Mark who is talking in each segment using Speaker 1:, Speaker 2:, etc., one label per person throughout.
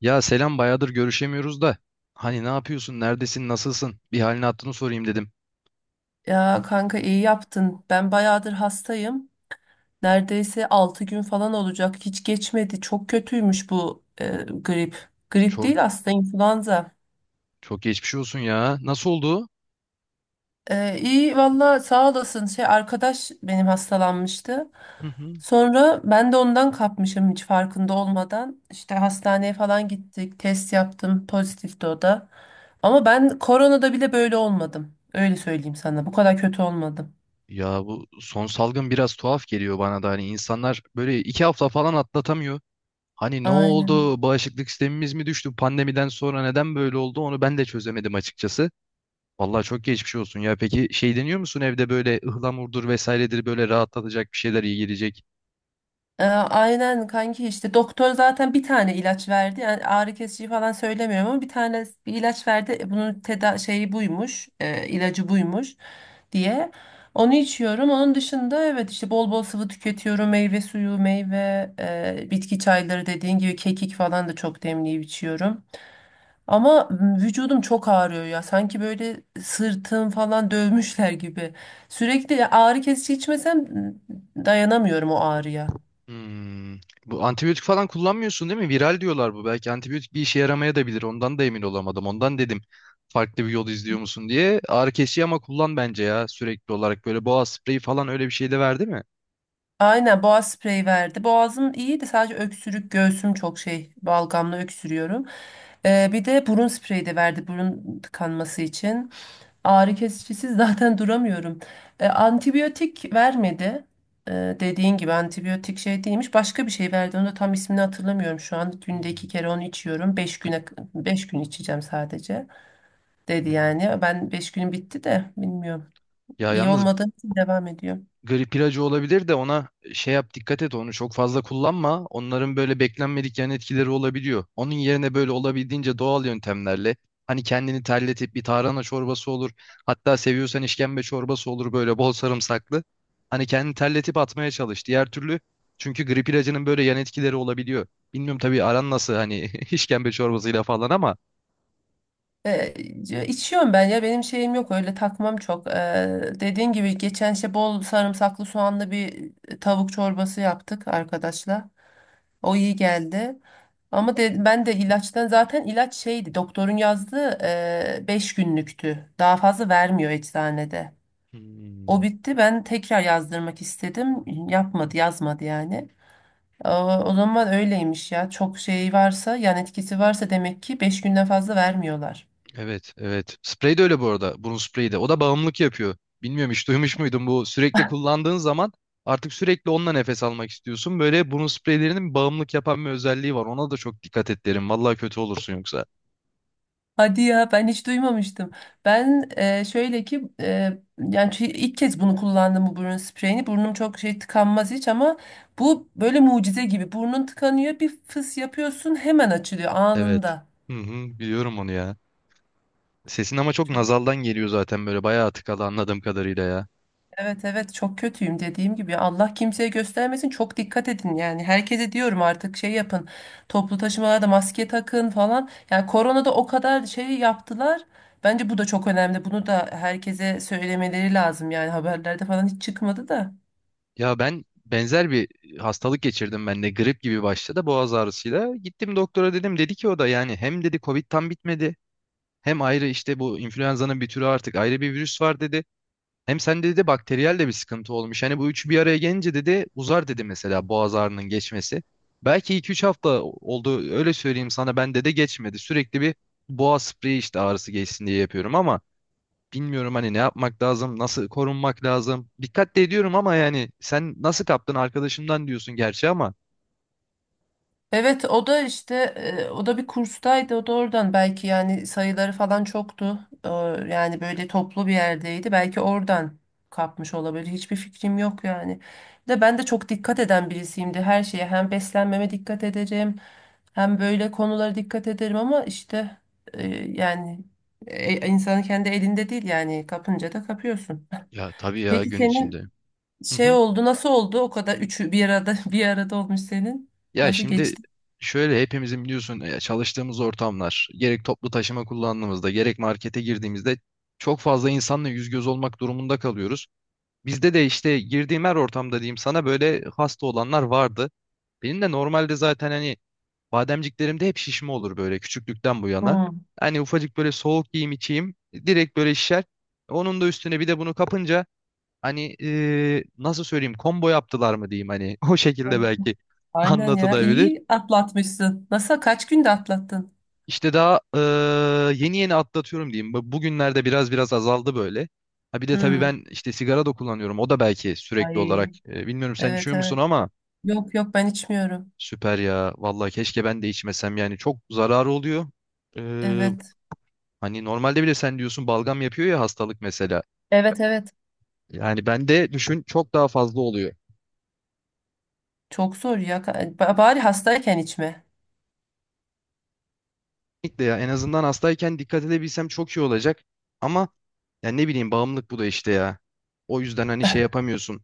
Speaker 1: Ya selam, bayağıdır görüşemiyoruz da. Hani ne yapıyorsun? Neredesin? Nasılsın? Bir halini hattını sorayım dedim.
Speaker 2: Ya kanka iyi yaptın. Ben bayağıdır hastayım. Neredeyse 6 gün falan olacak. Hiç geçmedi. Çok kötüymüş bu grip. Grip
Speaker 1: Çok
Speaker 2: değil aslında influenza.
Speaker 1: çok geçmiş olsun ya. Nasıl oldu?
Speaker 2: İyi valla sağ olasın. Şey arkadaş benim hastalanmıştı.
Speaker 1: Hı hı.
Speaker 2: Sonra ben de ondan kapmışım hiç farkında olmadan. İşte hastaneye falan gittik. Test yaptım. Pozitifti o da. Ama ben koronada bile böyle olmadım. Öyle söyleyeyim sana. Bu kadar kötü olmadım.
Speaker 1: Ya bu son salgın biraz tuhaf geliyor bana da. Hani insanlar böyle iki hafta falan atlatamıyor. Hani ne
Speaker 2: Aynen.
Speaker 1: oldu? Bağışıklık sistemimiz mi düştü? Pandemiden sonra neden böyle oldu? Onu ben de çözemedim açıkçası. Vallahi çok geçmiş olsun ya. Peki şey deniyor musun evde, böyle ıhlamurdur vesairedir, böyle rahatlatacak bir şeyler iyi gelecek?
Speaker 2: Aynen kanki işte doktor zaten bir tane ilaç verdi. Yani ağrı kesici falan söylemiyorum ama bir tane bir ilaç verdi. E, bunun teda şeyi buymuş, ilacı buymuş diye. Onu içiyorum. Onun dışında evet işte bol bol sıvı tüketiyorum. Meyve suyu, meyve, bitki çayları dediğin gibi kekik falan da çok demleyip içiyorum. Ama vücudum çok ağrıyor ya. Sanki böyle sırtım falan dövmüşler gibi. Sürekli ağrı kesici içmesem dayanamıyorum o ağrıya.
Speaker 1: Hmm. Bu antibiyotik falan kullanmıyorsun değil mi? Viral diyorlar bu. Belki antibiyotik bir işe yaramaya da bilir. Ondan da emin olamadım. Ondan dedim farklı bir yol izliyor musun diye. Ağrı kesici ama kullan bence ya, sürekli olarak. Böyle boğaz spreyi falan, öyle bir şey de verdi mi?
Speaker 2: Aynen boğaz spreyi verdi. Boğazım iyiydi sadece öksürük göğsüm çok şey balgamla öksürüyorum. Bir de burun spreyi de verdi burun tıkanması için. Ağrı kesicisiz zaten duramıyorum. Antibiyotik vermedi. Dediğin gibi antibiyotik şey değilmiş. Başka bir şey verdi. Onu da tam ismini hatırlamıyorum şu an. Günde iki
Speaker 1: Hmm.
Speaker 2: kere onu içiyorum.
Speaker 1: Gı-
Speaker 2: 5 gün içeceğim sadece dedi
Speaker 1: Hmm.
Speaker 2: yani. Ben 5 günüm bitti de bilmiyorum.
Speaker 1: Ya
Speaker 2: İyi
Speaker 1: yalnız
Speaker 2: olmadığı için devam ediyor.
Speaker 1: grip ilacı olabilir de ona şey yap, dikkat et, onu çok fazla kullanma. Onların böyle beklenmedik yan etkileri olabiliyor. Onun yerine böyle olabildiğince doğal yöntemlerle hani kendini terletip bir tarhana çorbası olur. Hatta seviyorsan işkembe çorbası olur böyle bol sarımsaklı. Hani kendini terletip atmaya çalış. Diğer türlü, çünkü grip ilacının böyle yan etkileri olabiliyor. Bilmiyorum tabii aran nasıl hani işkembe çorbasıyla falan ama
Speaker 2: E, içiyorum ben ya benim şeyim yok öyle takmam çok. Dediğin gibi geçen şey bol sarımsaklı soğanlı bir tavuk çorbası yaptık arkadaşla. O iyi geldi. Ama ben de ilaçtan zaten ilaç şeydi doktorun yazdığı 5 günlüktü. Daha fazla vermiyor eczanede.
Speaker 1: hmm.
Speaker 2: O bitti ben tekrar yazdırmak istedim. Yapmadı yazmadı yani. O zaman öyleymiş ya. Çok şey varsa yan etkisi varsa demek ki 5 günden fazla vermiyorlar.
Speaker 1: Evet, evet. Sprey de öyle bu arada. Burun spreyi de. O da bağımlılık yapıyor. Bilmiyorum, hiç duymuş muydun bu? Sürekli kullandığın zaman artık sürekli onunla nefes almak istiyorsun. Böyle burun spreylerinin bağımlılık yapan bir özelliği var. Ona da çok dikkat et derim. Vallahi kötü olursun yoksa.
Speaker 2: Hadi ya ben hiç duymamıştım. Ben şöyle ki yani ilk kez bunu kullandım bu burun spreyini. Burnum çok şey tıkanmaz hiç ama bu böyle mucize gibi. Burnun tıkanıyor bir fıs yapıyorsun hemen açılıyor
Speaker 1: Evet.
Speaker 2: anında.
Speaker 1: Hı hı, biliyorum onu ya. Sesin ama çok nazaldan geliyor zaten, böyle bayağı tıkalı anladığım kadarıyla ya.
Speaker 2: Evet, evet, çok kötüyüm dediğim gibi. Allah kimseye göstermesin, çok dikkat edin yani herkese diyorum artık şey yapın, toplu taşımalarda maske takın falan. Yani koronada o kadar şey yaptılar, bence bu da çok önemli, bunu da herkese söylemeleri lazım yani. Haberlerde falan hiç çıkmadı da.
Speaker 1: Ya ben benzer bir hastalık geçirdim, ben de grip gibi başladı, boğaz ağrısıyla. Gittim doktora, dedim, dedi ki o da yani, hem dedi Covid tam bitmedi, hem ayrı işte bu influenza'nın bir türü, artık ayrı bir virüs var dedi. Hem sen dedi bakteriyel de bir sıkıntı olmuş. Hani bu üçü bir araya gelince dedi uzar dedi, mesela boğaz ağrının geçmesi. Belki iki üç hafta oldu, öyle söyleyeyim sana, bende de geçmedi. Sürekli bir boğaz spreyi işte ağrısı geçsin diye yapıyorum ama bilmiyorum hani ne yapmak lazım, nasıl korunmak lazım. Dikkatli ediyorum ama, yani sen nasıl kaptın arkadaşımdan diyorsun gerçi ama.
Speaker 2: Evet o da işte o da bir kurstaydı, o da oradan belki yani sayıları falan çoktu. Ee, Yani böyle toplu bir yerdeydi, belki oradan kapmış olabilir, hiçbir fikrim yok yani. Bir de ben de çok dikkat eden birisiyimdi her şeye, hem beslenmeme dikkat ederim hem böyle konulara dikkat ederim ama işte yani insanın kendi elinde değil yani, kapınca da kapıyorsun.
Speaker 1: Ya tabii ya,
Speaker 2: Peki
Speaker 1: gün
Speaker 2: senin
Speaker 1: içinde. Hı
Speaker 2: şey
Speaker 1: hı.
Speaker 2: oldu, nasıl oldu o kadar üçü bir arada bir arada olmuş senin
Speaker 1: Ya
Speaker 2: nasıl
Speaker 1: şimdi
Speaker 2: geçti?
Speaker 1: şöyle, hepimizin biliyorsun çalıştığımız ortamlar, gerek toplu taşıma kullandığımızda, gerek markete girdiğimizde çok fazla insanla yüz göz olmak durumunda kalıyoruz. Bizde de işte girdiğim her ortamda diyeyim sana böyle hasta olanlar vardı. Benim de normalde zaten hani bademciklerimde hep şişme olur böyle küçüklükten bu yana.
Speaker 2: Hmm.
Speaker 1: Hani ufacık böyle soğuk yiyeyim içeyim, direkt böyle şişer. Onun da üstüne bir de bunu kapınca hani nasıl söyleyeyim, combo yaptılar mı diyeyim hani o
Speaker 2: Ay,
Speaker 1: şekilde belki
Speaker 2: aynen ya.
Speaker 1: anlatılabilir.
Speaker 2: İyi atlatmışsın. Nasıl? Kaç günde atlattın?
Speaker 1: İşte daha yeni yeni atlatıyorum diyeyim. Bugünlerde biraz biraz azaldı böyle. Ha bir de tabii
Speaker 2: Hmm.
Speaker 1: ben işte sigara da kullanıyorum. O da belki sürekli olarak.
Speaker 2: Ay.
Speaker 1: Bilmiyorum sen
Speaker 2: Evet,
Speaker 1: içiyor musun
Speaker 2: evet.
Speaker 1: ama
Speaker 2: Yok, yok, ben içmiyorum.
Speaker 1: süper ya. Vallahi keşke ben de içmesem, yani çok zararı oluyor. Eee,
Speaker 2: Evet.
Speaker 1: Hani normalde bile sen diyorsun balgam yapıyor ya hastalık mesela.
Speaker 2: Evet, evet.
Speaker 1: Yani bende düşün çok daha fazla oluyor.
Speaker 2: Çok zor ya. Bari hastayken içme.
Speaker 1: Kesinlikle ya. En azından hastayken dikkat edebilsem çok iyi olacak. Ama ya ne bileyim, bağımlılık bu da işte ya. O yüzden hani şey yapamıyorsun.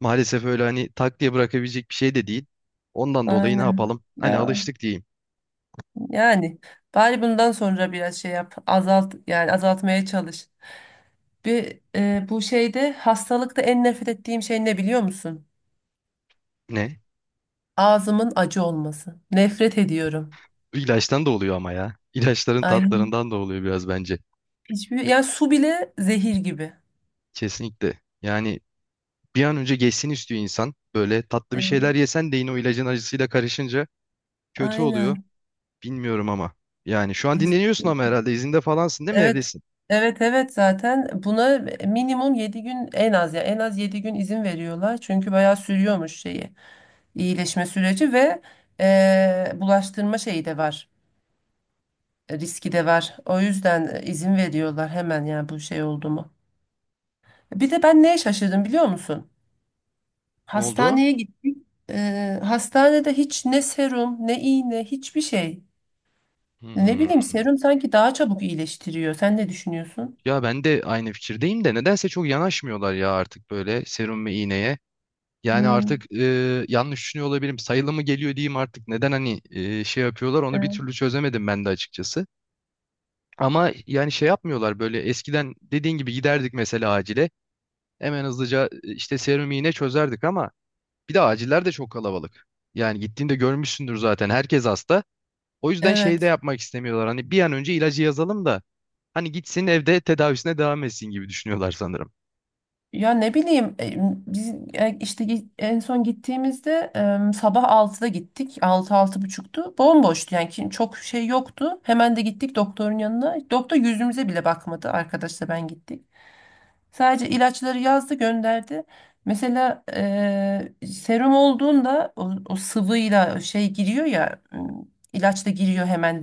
Speaker 1: Maalesef öyle hani tak diye bırakabilecek bir şey de değil. Ondan dolayı ne
Speaker 2: Aynen.
Speaker 1: yapalım? Hani
Speaker 2: Ya,
Speaker 1: alıştık diyeyim.
Speaker 2: yani bari bundan sonra biraz şey yap. Azalt yani, azaltmaya çalış. Bir bu şeyde, hastalıkta en nefret ettiğim şey ne biliyor musun?
Speaker 1: Ne?
Speaker 2: Ağzımın acı olması. Nefret ediyorum.
Speaker 1: İlaçtan da oluyor ama ya. İlaçların
Speaker 2: Ay,
Speaker 1: tatlarından da oluyor biraz bence.
Speaker 2: hiçbir yani, su bile zehir gibi.
Speaker 1: Kesinlikle. Yani bir an önce geçsin istiyor insan. Böyle tatlı bir
Speaker 2: Evet.
Speaker 1: şeyler yesen de yine o ilacın acısıyla karışınca kötü oluyor.
Speaker 2: Aynen.
Speaker 1: Bilmiyorum ama. Yani şu an
Speaker 2: Es-
Speaker 1: dinleniyorsun ama herhalde izinde falansın değil mi,
Speaker 2: Evet.
Speaker 1: evdesin?
Speaker 2: Evet, evet, zaten buna minimum 7 gün, en az ya en az 7 gün izin veriyorlar. Çünkü bayağı sürüyormuş şeyi, iyileşme süreci ve bulaştırma şeyi de var. Riski de var. O yüzden izin veriyorlar hemen, yani bu şey oldu mu. Bir de ben neye şaşırdım biliyor musun?
Speaker 1: Ne oldu?
Speaker 2: Hastaneye gittik. Hastanede hiç ne serum ne iğne, hiçbir şey. Ne
Speaker 1: Hmm.
Speaker 2: bileyim serum sanki daha çabuk iyileştiriyor. Sen ne düşünüyorsun?
Speaker 1: Ya ben de aynı fikirdeyim de nedense çok yanaşmıyorlar ya artık böyle serum ve iğneye. Yani
Speaker 2: Hmm.
Speaker 1: artık yanlış düşünüyor olabilirim. Sayılı mı geliyor diyeyim artık. Neden hani şey yapıyorlar onu bir
Speaker 2: Evet.
Speaker 1: türlü çözemedim ben de açıkçası. Ama yani şey yapmıyorlar böyle, eskiden dediğin gibi giderdik mesela acile. Hemen hızlıca işte serum iğne çözerdik ama bir de aciller de çok kalabalık. Yani gittiğinde görmüşsündür zaten, herkes hasta. O yüzden şey de
Speaker 2: Evet.
Speaker 1: yapmak istemiyorlar. Hani bir an önce ilacı yazalım da hani gitsin evde tedavisine devam etsin gibi düşünüyorlar sanırım.
Speaker 2: Ya ne bileyim biz işte en son gittiğimizde sabah 6'da gittik. Altı altı buçuktu. Bomboştu yani, çok şey yoktu. Hemen de gittik doktorun yanına. Doktor yüzümüze bile bakmadı, arkadaşla ben gittik. Sadece ilaçları yazdı gönderdi. Mesela serum olduğunda o sıvıyla şey giriyor ya, ilaç da giriyor hemen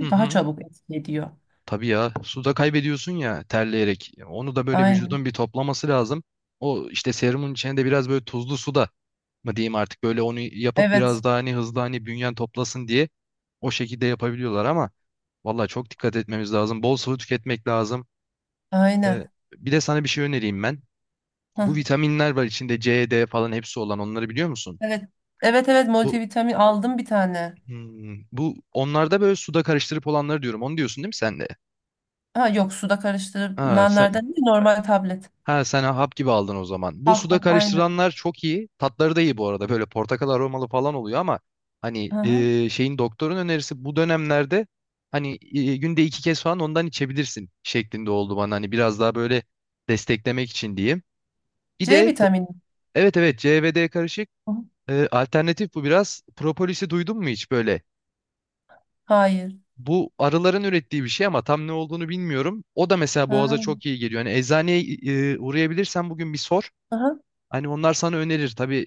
Speaker 1: Hı
Speaker 2: daha
Speaker 1: hı.
Speaker 2: çabuk etki ediyor.
Speaker 1: Tabii ya, suda kaybediyorsun ya terleyerek. Onu da böyle
Speaker 2: Aynen.
Speaker 1: vücudun bir toplaması lazım. O işte serumun içine de biraz böyle tuzlu suda mı diyeyim artık, böyle onu yapıp
Speaker 2: Evet.
Speaker 1: biraz daha hani hızlı hani bünyen toplasın diye o şekilde yapabiliyorlar ama vallahi çok dikkat etmemiz lazım. Bol sıvı tüketmek lazım. Ee,
Speaker 2: Aynen.
Speaker 1: Bir de sana bir şey önereyim ben. Bu vitaminler var içinde C, D falan hepsi olan, onları biliyor musun?
Speaker 2: Evet. Evet, evet,
Speaker 1: Bu
Speaker 2: multivitamin aldım bir tane.
Speaker 1: bu onlarda böyle suda karıştırıp olanları diyorum. Onu diyorsun değil mi sen de?
Speaker 2: Ha yok, suda
Speaker 1: Ha sen,
Speaker 2: karıştırılanlardan değil, normal tablet.
Speaker 1: ha sen hap gibi aldın o zaman. Bu
Speaker 2: Hap
Speaker 1: suda
Speaker 2: hap aynı.
Speaker 1: karıştıranlar çok iyi. Tatları da iyi bu arada. Böyle portakal aromalı falan oluyor ama hani
Speaker 2: Aha.
Speaker 1: şeyin, doktorun önerisi bu dönemlerde hani günde iki kez falan ondan içebilirsin şeklinde oldu bana. Hani biraz daha böyle desteklemek için diyeyim. Bir
Speaker 2: C
Speaker 1: de t-
Speaker 2: vitamini.
Speaker 1: evet, evet, CBD karışık.
Speaker 2: Hı hı.
Speaker 1: Alternatif bu biraz. Propolis'i duydun mu hiç böyle?
Speaker 2: Hayır.
Speaker 1: Bu arıların ürettiği bir şey ama tam ne olduğunu bilmiyorum. O da mesela boğaza
Speaker 2: Ha.
Speaker 1: çok iyi geliyor. Hani eczaneye uğrayabilirsen bugün bir sor.
Speaker 2: Aha.
Speaker 1: Hani onlar sana önerir. Tabii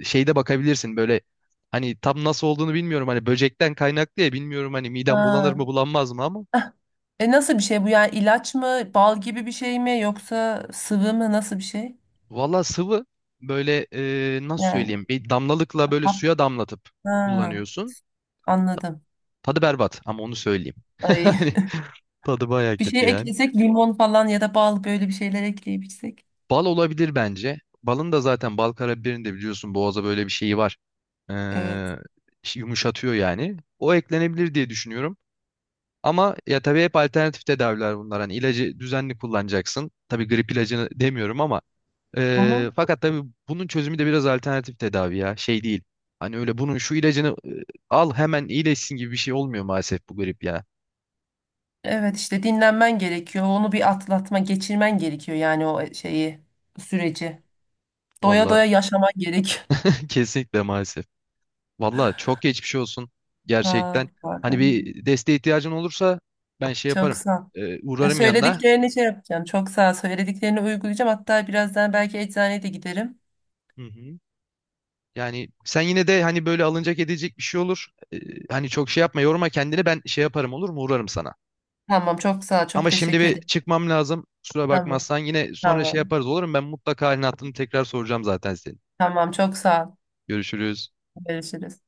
Speaker 1: şeyde bakabilirsin böyle hani tam nasıl olduğunu bilmiyorum. Hani böcekten kaynaklı ya, bilmiyorum hani midem bulanır
Speaker 2: Ha.
Speaker 1: mı bulanmaz mı ama
Speaker 2: E nasıl bir şey bu yani, ilaç mı, bal gibi bir şey mi, yoksa sıvı mı, nasıl bir şey?
Speaker 1: valla sıvı, böyle nasıl
Speaker 2: Yani
Speaker 1: söyleyeyim, bir damlalıkla böyle
Speaker 2: hap.
Speaker 1: suya damlatıp
Speaker 2: Ha.
Speaker 1: kullanıyorsun.
Speaker 2: Anladım.
Speaker 1: Tadı berbat ama, onu söyleyeyim.
Speaker 2: Ay.
Speaker 1: Hani tadı baya
Speaker 2: Bir şey
Speaker 1: kötü yani.
Speaker 2: eklesek, limon falan ya da bal, böyle bir şeyler ekleyip içsek.
Speaker 1: Bal olabilir bence. Balın da zaten, bal karabiberin de biliyorsun boğaza böyle bir şeyi var.
Speaker 2: Evet.
Speaker 1: Ee, Yumuşatıyor yani. O eklenebilir diye düşünüyorum. Ama ya tabii hep alternatif tedaviler bunlar. Hani ilacı düzenli kullanacaksın. Tabii grip ilacını demiyorum ama
Speaker 2: Hı hı.
Speaker 1: fakat tabii bunun çözümü de biraz alternatif tedavi ya. Şey değil. Hani öyle bunun şu ilacını al hemen iyileşsin gibi bir şey olmuyor maalesef bu grip ya.
Speaker 2: Evet işte, dinlenmen gerekiyor. Onu bir atlatma, geçirmen gerekiyor yani o şeyi, süreci. Doya
Speaker 1: Valla
Speaker 2: doya yaşaman gerekiyor.
Speaker 1: kesinlikle maalesef. Valla çok geçmiş olsun
Speaker 2: Ha,
Speaker 1: gerçekten.
Speaker 2: bak.
Speaker 1: Hani bir desteğe ihtiyacın olursa ben şey
Speaker 2: Çok
Speaker 1: yaparım.
Speaker 2: sağ ol. Ya,
Speaker 1: Uğrarım yanına.
Speaker 2: söylediklerini şey yapacağım. Çok sağ ol. Söylediklerini uygulayacağım. Hatta birazdan belki eczaneye de giderim.
Speaker 1: Hı hı. Yani sen yine de hani böyle alınacak edilecek bir şey olur. Ee, Hani çok şey yapma, yorma kendini, ben şey yaparım olur mu, uğrarım sana.
Speaker 2: Tamam, çok sağ ol. Çok
Speaker 1: Ama şimdi
Speaker 2: teşekkür
Speaker 1: bir
Speaker 2: ederim.
Speaker 1: çıkmam lazım. Kusura
Speaker 2: Tamam.
Speaker 1: bakmazsan yine sonra şey
Speaker 2: Tamam.
Speaker 1: yaparız olur mu? Ben mutlaka halini hattını tekrar soracağım zaten senin.
Speaker 2: Tamam, çok sağ ol.
Speaker 1: Görüşürüz.
Speaker 2: Görüşürüz.